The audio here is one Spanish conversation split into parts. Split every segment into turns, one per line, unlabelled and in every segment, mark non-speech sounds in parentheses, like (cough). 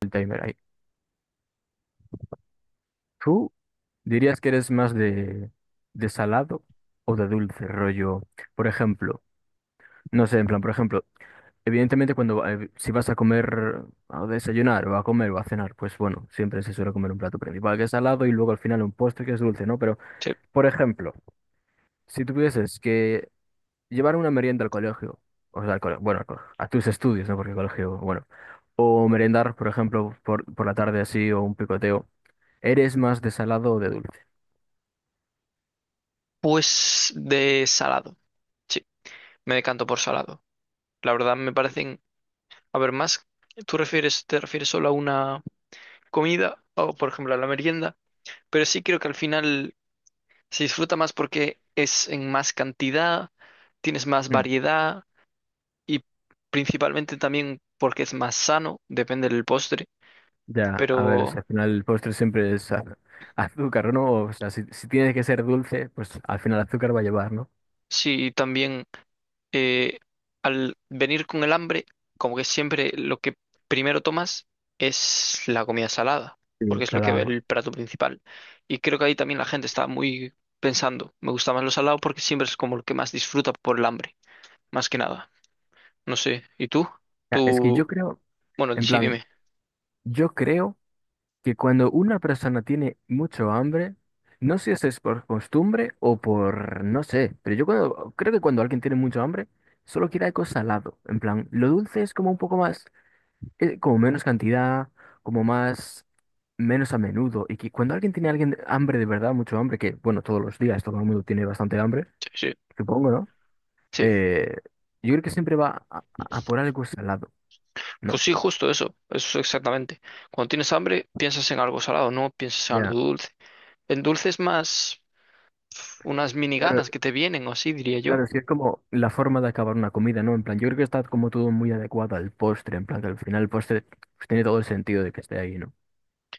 El timer ahí. ¿Tú dirías que eres más de salado o de dulce, rollo? Por ejemplo, no sé, en plan, por ejemplo, evidentemente si vas a comer, a desayunar o a comer o a cenar, pues bueno, siempre se suele comer un plato principal que es salado y luego al final un postre que es dulce, ¿no? Pero,
Sí.
por ejemplo, si tuvieses que llevar una merienda al colegio, o sea, al colegio, bueno, al colegio, a tus estudios, ¿no? Porque el colegio, bueno, o merendar, por ejemplo, por la tarde así o un picoteo, ¿eres más de salado o de dulce?
Pues de salado. Sí, me decanto por salado. La verdad me parecen, a ver, más, te refieres solo a una comida o, por ejemplo, a la merienda, pero sí creo que al final se disfruta más porque es en más cantidad, tienes más
Hmm.
variedad y principalmente también porque es más sano, depende del postre,
Ya, a ver, si
pero
al final el postre siempre es azúcar, ¿no? O sea, si tiene que ser dulce, pues al final azúcar va a llevar, ¿no?
sí, también eh, al venir con el hambre, como que siempre lo que primero tomas es la comida salada,
Sí.
porque es lo que
Salado.
el plato principal. Y creo que ahí también la gente está muy pensando, me gusta más lo salado porque siempre es como lo que más disfruta por el hambre, más que nada. No sé, ¿y tú?
Ya, es que
Tú,
yo creo,
bueno,
en
sí,
plan,
dime.
yo creo que cuando una persona tiene mucho hambre, no sé si es por costumbre o por, no sé, pero creo que cuando alguien tiene mucho hambre, solo quiere algo salado. En plan, lo dulce es como un poco más... como menos cantidad, como más, menos a menudo. Y que cuando alguien tiene alguien hambre de verdad, mucho hambre, que bueno, todos los días todo el mundo tiene bastante hambre,
Sí, sí.
supongo, ¿no?
Sí.
Eh, yo creo que siempre a por algo salado,
Pues
¿no?
sí, justo eso, eso exactamente. Cuando tienes hambre, piensas en algo salado, no piensas en algo
Ya.
dulce. El dulce es más unas mini
Claro,
ganas que te vienen, o así diría yo.
claro, sí es como la forma de acabar una comida, ¿no? En plan, yo creo que está como todo muy adecuado al postre, en plan, que al final el postre pues, tiene todo el sentido de que esté ahí, ¿no?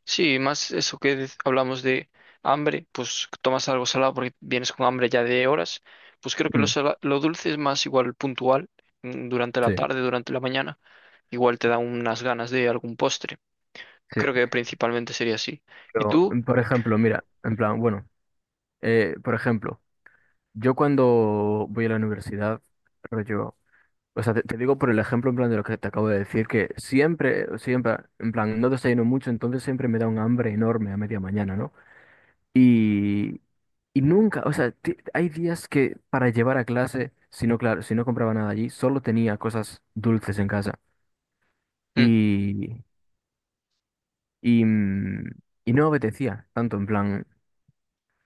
Sí, más eso que hablamos de hambre, pues tomas algo salado porque vienes con hambre ya de horas, pues creo que
Mm,
lo dulce es más igual puntual, mm, durante la
sí,
tarde, durante la mañana, igual te da unas ganas de algún postre.
sí.
Creo que principalmente sería así. ¿Y
Pero,
tú?
por ejemplo, mira, en plan, bueno, por ejemplo. Yo cuando voy a la universidad, rollo, o sea, te digo por el ejemplo en plan de lo que te acabo de decir, que siempre, siempre, en plan, no desayuno mucho, entonces siempre me da un hambre enorme a media mañana, ¿no? Y, y nunca, o sea, hay días que para llevar a clase, si no, claro, si no compraba nada allí, solo tenía cosas dulces en casa.
Mm.
Y, y, mm, y no apetecía tanto, en plan,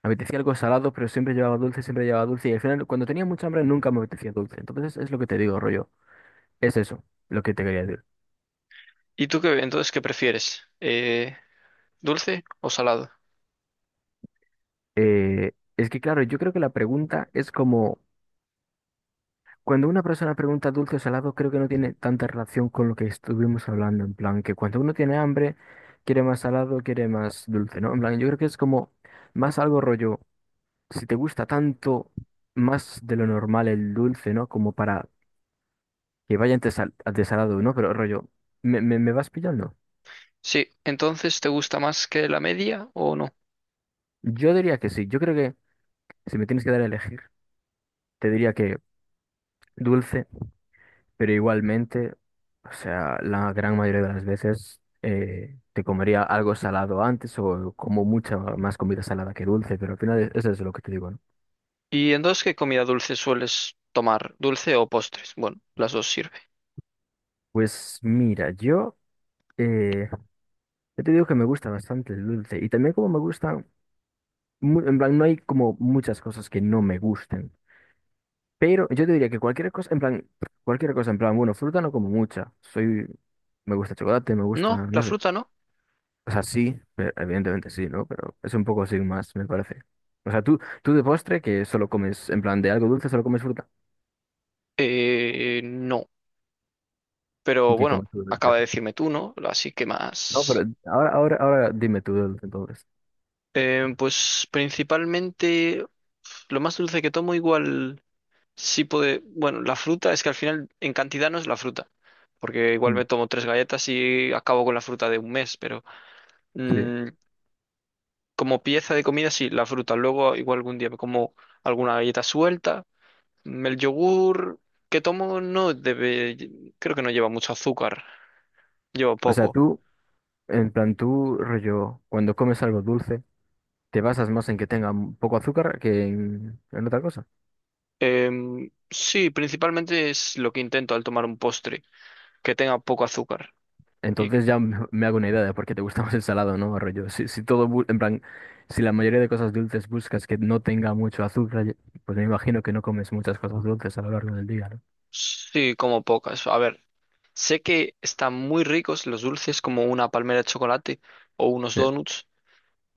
me apetecía algo salado, pero siempre llevaba dulce, y al final, cuando tenía mucha hambre, nunca me apetecía dulce. Entonces, es lo que te digo, rollo. Es eso lo que te quería decir.
¿Y tú qué, entonces qué prefieres? ¿Dulce o salado?
Es que, claro, yo creo que la pregunta es como, cuando una persona pregunta dulce o salado, creo que no tiene tanta relación con lo que estuvimos hablando, en plan, que cuando uno tiene hambre, quiere más salado, quiere más dulce, ¿no? En plan, yo creo que es como más algo rollo, si te gusta tanto más de lo normal el dulce, ¿no? Como para que vaya de salado, ¿no? Pero rollo, ¿me vas pillando?
Sí, entonces ¿te gusta más que la media o no?
Yo diría que sí, yo creo que si me tienes que dar a elegir, te diría que dulce. Pero igualmente, o sea, la gran mayoría de las veces te comería algo salado antes o como mucha más comida salada que dulce, pero al final eso es lo que te digo, ¿no?
¿Y entonces qué comida dulce sueles tomar? ¿Dulce o postres? Bueno, las dos sirve.
Pues mira, yo, eh, yo te digo que me gusta bastante el dulce y también como me gustan, en plan, no hay como muchas cosas que no me gusten, pero yo te diría que cualquier cosa, en plan, cualquier cosa, en plan, bueno, fruta no como mucha, soy, me gusta chocolate, me
No,
gusta,
la
no sé.
fruta no.
O sea, sí, pero- evidentemente sí, ¿no? Pero es un poco sin más, me parece. O sea, tú de postre que solo comes, en plan de algo dulce, solo comes fruta.
No,
¿Y
pero
qué
bueno,
comes tú de dulce?
acaba de decirme tú, ¿no? Así que
No, pero
más.
ahora, ahora, ahora dime tú de dulce entonces.
Pues principalmente lo más dulce que tomo igual sí puede... Bueno, la fruta es que al final en cantidad no es la fruta, porque igual
Mm.
me tomo tres galletas y acabo con la fruta de un mes, pero
Sí.
mm, como pieza de comida sí, la fruta. Luego igual algún día me como alguna galleta suelta. Mm, el yogur que tomo no debe... Creo que no lleva mucho azúcar, lleva
O sea,
poco.
tú, en plan, tú, rollo, cuando comes algo dulce, te basas más en que tenga un poco azúcar que en otra cosa.
Sí, principalmente es lo que intento al tomar un postre, que tenga poco azúcar. Y
Entonces ya me hago una idea de por qué te gusta (laughs) más el salado, ¿no? Rollo, si, si todo, en plan, si la mayoría de cosas dulces buscas que no tenga mucho azúcar, pues me imagino que no comes muchas cosas dulces a lo largo del día, ¿no?
sí, como pocas. A ver, sé que están muy ricos los dulces como una palmera de chocolate o unos
Sí.
donuts,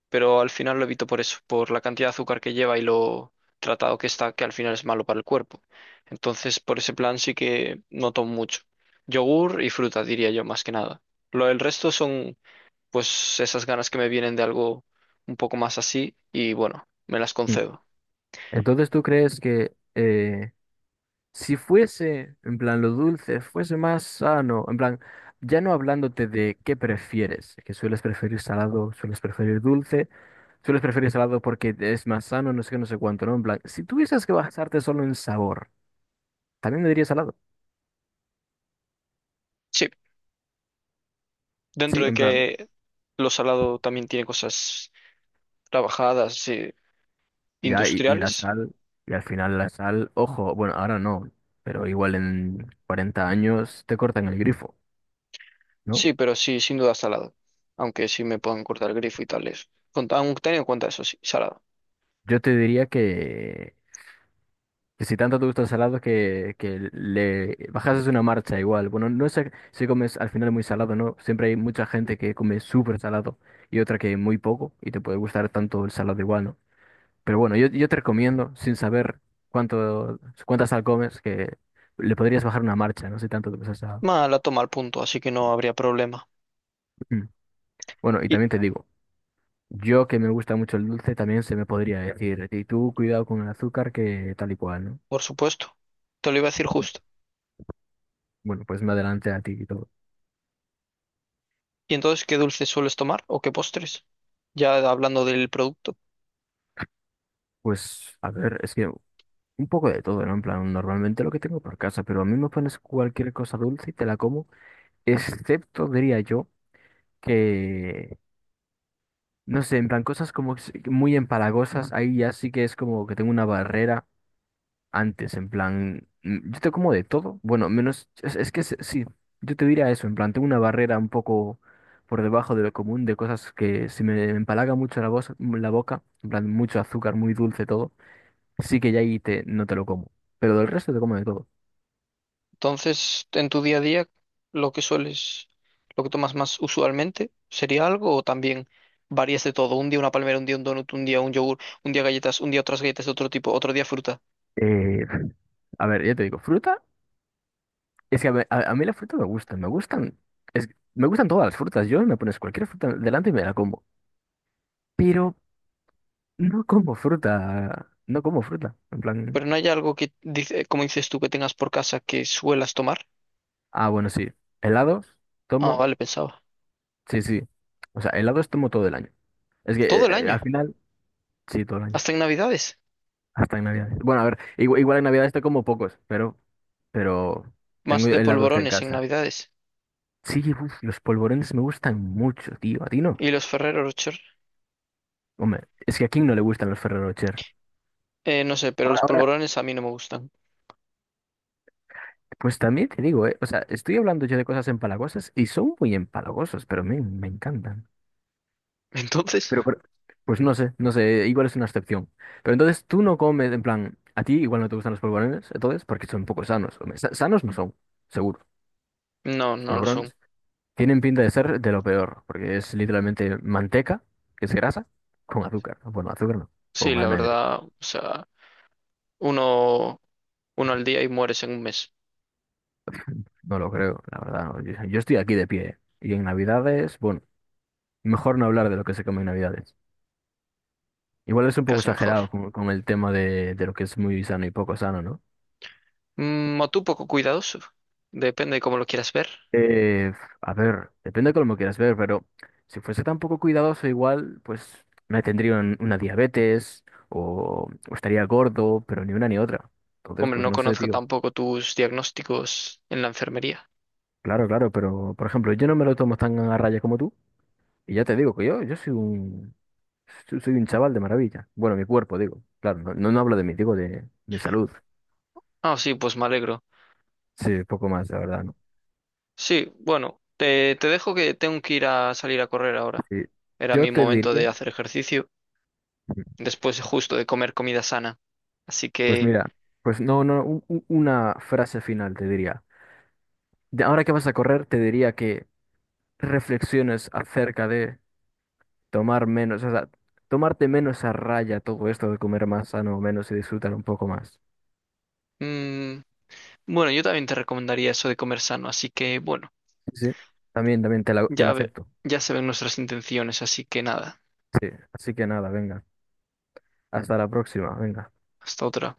pero al final lo evito por eso, por la cantidad de azúcar que lleva y lo tratado que está, que al final es malo para el cuerpo. Entonces, por ese plan sí que no tomo mucho. Yogur y fruta, diría yo, más que nada. Lo del resto son pues esas ganas que me vienen de algo un poco más así y bueno, me las
Mm.
concedo.
Entonces, ¿tú crees que si fuese, en plan, lo dulce fuese más sano, en plan, ya no hablándote de qué prefieres, que sueles preferir salado, sueles preferir dulce, sueles preferir salado porque es más sano, no sé qué, no sé cuánto, ¿no? En plan, si tuvieses que basarte solo en sabor, ¿también me dirías salado?
Sí,
Sí,
dentro de
en plan,
que lo salado también tiene cosas trabajadas, sí,
ya, y la
industriales,
sal, y al final la sal, ojo, bueno, ahora no, pero igual en 40 años te cortan el grifo, ¿no?
sí, pero sí, sin duda salado. Aunque sí me puedan cortar el grifo y tales. Con- aunque teniendo en cuenta eso, sí, salado.
Yo te diría que si tanto te gusta el salado, que le bajases una marcha igual. Bueno, no sé si comes al final muy salado, ¿no? Siempre hay mucha gente que come súper salado y otra que muy poco, y te puede gustar tanto el salado igual, ¿no? Pero bueno, yo te recomiendo, sin saber cuánto, cuánta sal comes, que le podrías bajar una marcha, no sé tanto te gusta el salado.
Ma, la toma al punto, así que no habría problema.
Mm. Bueno, y
Y,
también te digo, yo que me gusta mucho el dulce, también se me podría decir, y tú cuidado con el azúcar que tal y cual, ¿no?
por supuesto, te lo iba a decir justo.
Bueno, pues me adelante a ti y todo.
¿Y entonces qué dulces sueles tomar o qué postres? Ya hablando del producto.
Pues, a ver, es que un poco de todo, ¿no? En plan, normalmente lo que tengo por casa, pero a mí me pones cualquier cosa dulce y te la como, excepto, diría yo, que, no sé, en plan, cosas como muy empalagosas, ahí ya sí que es como que tengo una barrera antes, en plan, yo te como de todo, bueno, menos, sí, yo te diría eso, en plan, tengo una barrera un poco por debajo de lo común de cosas que si me empalaga mucho la, voz, la boca, en plan, mucho azúcar, muy dulce todo, sí que ya ahí te, no te lo como, pero del resto te como de todo.
Entonces, en tu día a día, lo que sueles, lo que tomas más usualmente, ¿sería algo o también varías de todo? Un día una palmera, un día un donut, un día un yogur, un día galletas, un día otras galletas de otro tipo, otro día fruta.
Eh, a ver, ya te digo, fruta, es que a mí la fruta me gusta, me gustan, es, me gustan todas las frutas, yo me pones cualquier fruta delante y me la como, pero no como fruta, no como fruta, en plan...
Pero no hay algo que, dice, como dices tú, que tengas por casa que suelas tomar.
Ah, bueno, sí. Helados,
Ah,
tomo,
vale, pensaba.
sí, sí. O sea, helados tomo todo el año. Es que
Todo el año,
al final, sí, todo el año.
hasta en Navidades.
Hasta en Navidad. Bueno, a ver, igual, igual en Navidad te como pocos, pero tengo
Más de
helados en
polvorones en
casa.
Navidades.
Sí, uf, los polvorones me gustan mucho, tío. ¿A ti no?
¿Y los Ferrero Rocher?
Hombre, es que a quién no le gustan los Ferrero Rocher.
No sé, pero
Ahora,
los
ahora,
polvorones a mí no me gustan.
pues también te digo, o sea, estoy hablando yo de cosas empalagosas y son muy empalagosos, pero me encantan.
(laughs) Entonces,
Pero, pues no sé, no sé, igual es una excepción. Pero entonces tú no comes, en plan, a ti igual no te gustan los polvorones, entonces, porque son poco sanos. Hombre, sanos no son, seguro.
no,
Los
no lo son.
polvorones tienen pinta de ser de lo peor, porque es literalmente manteca, que es grasa, con azúcar. Bueno, azúcar no,
Sí,
con
la
almendra.
verdad, o sea, uno. Uno al día y mueres en un mes,
No lo creo, la verdad. No. Yo estoy aquí de pie. ¿Eh? Y en Navidades, bueno, mejor no hablar de lo que se come en Navidades. Igual es un poco
casi mejor.
exagerado con el tema de lo que es muy sano y poco sano, ¿no?
Mm, o tú poco cuidadoso, depende de cómo lo quieras ver.
Eh, a ver, depende de cómo lo quieras ver, pero si fuese tan poco cuidadoso igual, pues me tendría una diabetes o estaría gordo, pero ni una ni otra. Entonces,
Hombre,
pues
no
no sé,
conozco
tío.
tampoco tus diagnósticos en la enfermería.
Claro, claro, pero por ejemplo, yo no me lo tomo tan a raya como tú. Y ya te digo que yo soy un, soy un chaval de maravilla. Bueno, mi cuerpo, digo. Claro, no, no, no hablo de mí, digo de mi salud.
Ah, sí, pues me alegro.
Sí, poco más, la verdad, ¿no?
Sí, bueno, te dejo que tengo que ir a salir a correr ahora.
Sí.
Era
Yo
mi
te
momento
diría,
de hacer ejercicio, después justo de comer comida sana. Así
pues
que,
mira, pues no, no, una frase final te diría. De ahora que vas a correr, te diría que reflexiones acerca de tomar menos, o sea, tomarte menos a raya todo esto de comer más sano, menos y disfrutar un poco más.
mm, bueno, yo también te recomendaría eso de comer sano, así que, bueno,
Sí, sí. También, también te la
ya, ve-
acepto.
ya se ven nuestras intenciones, así que nada,
Sí, así que nada, venga. Hasta la próxima, venga.
hasta otra.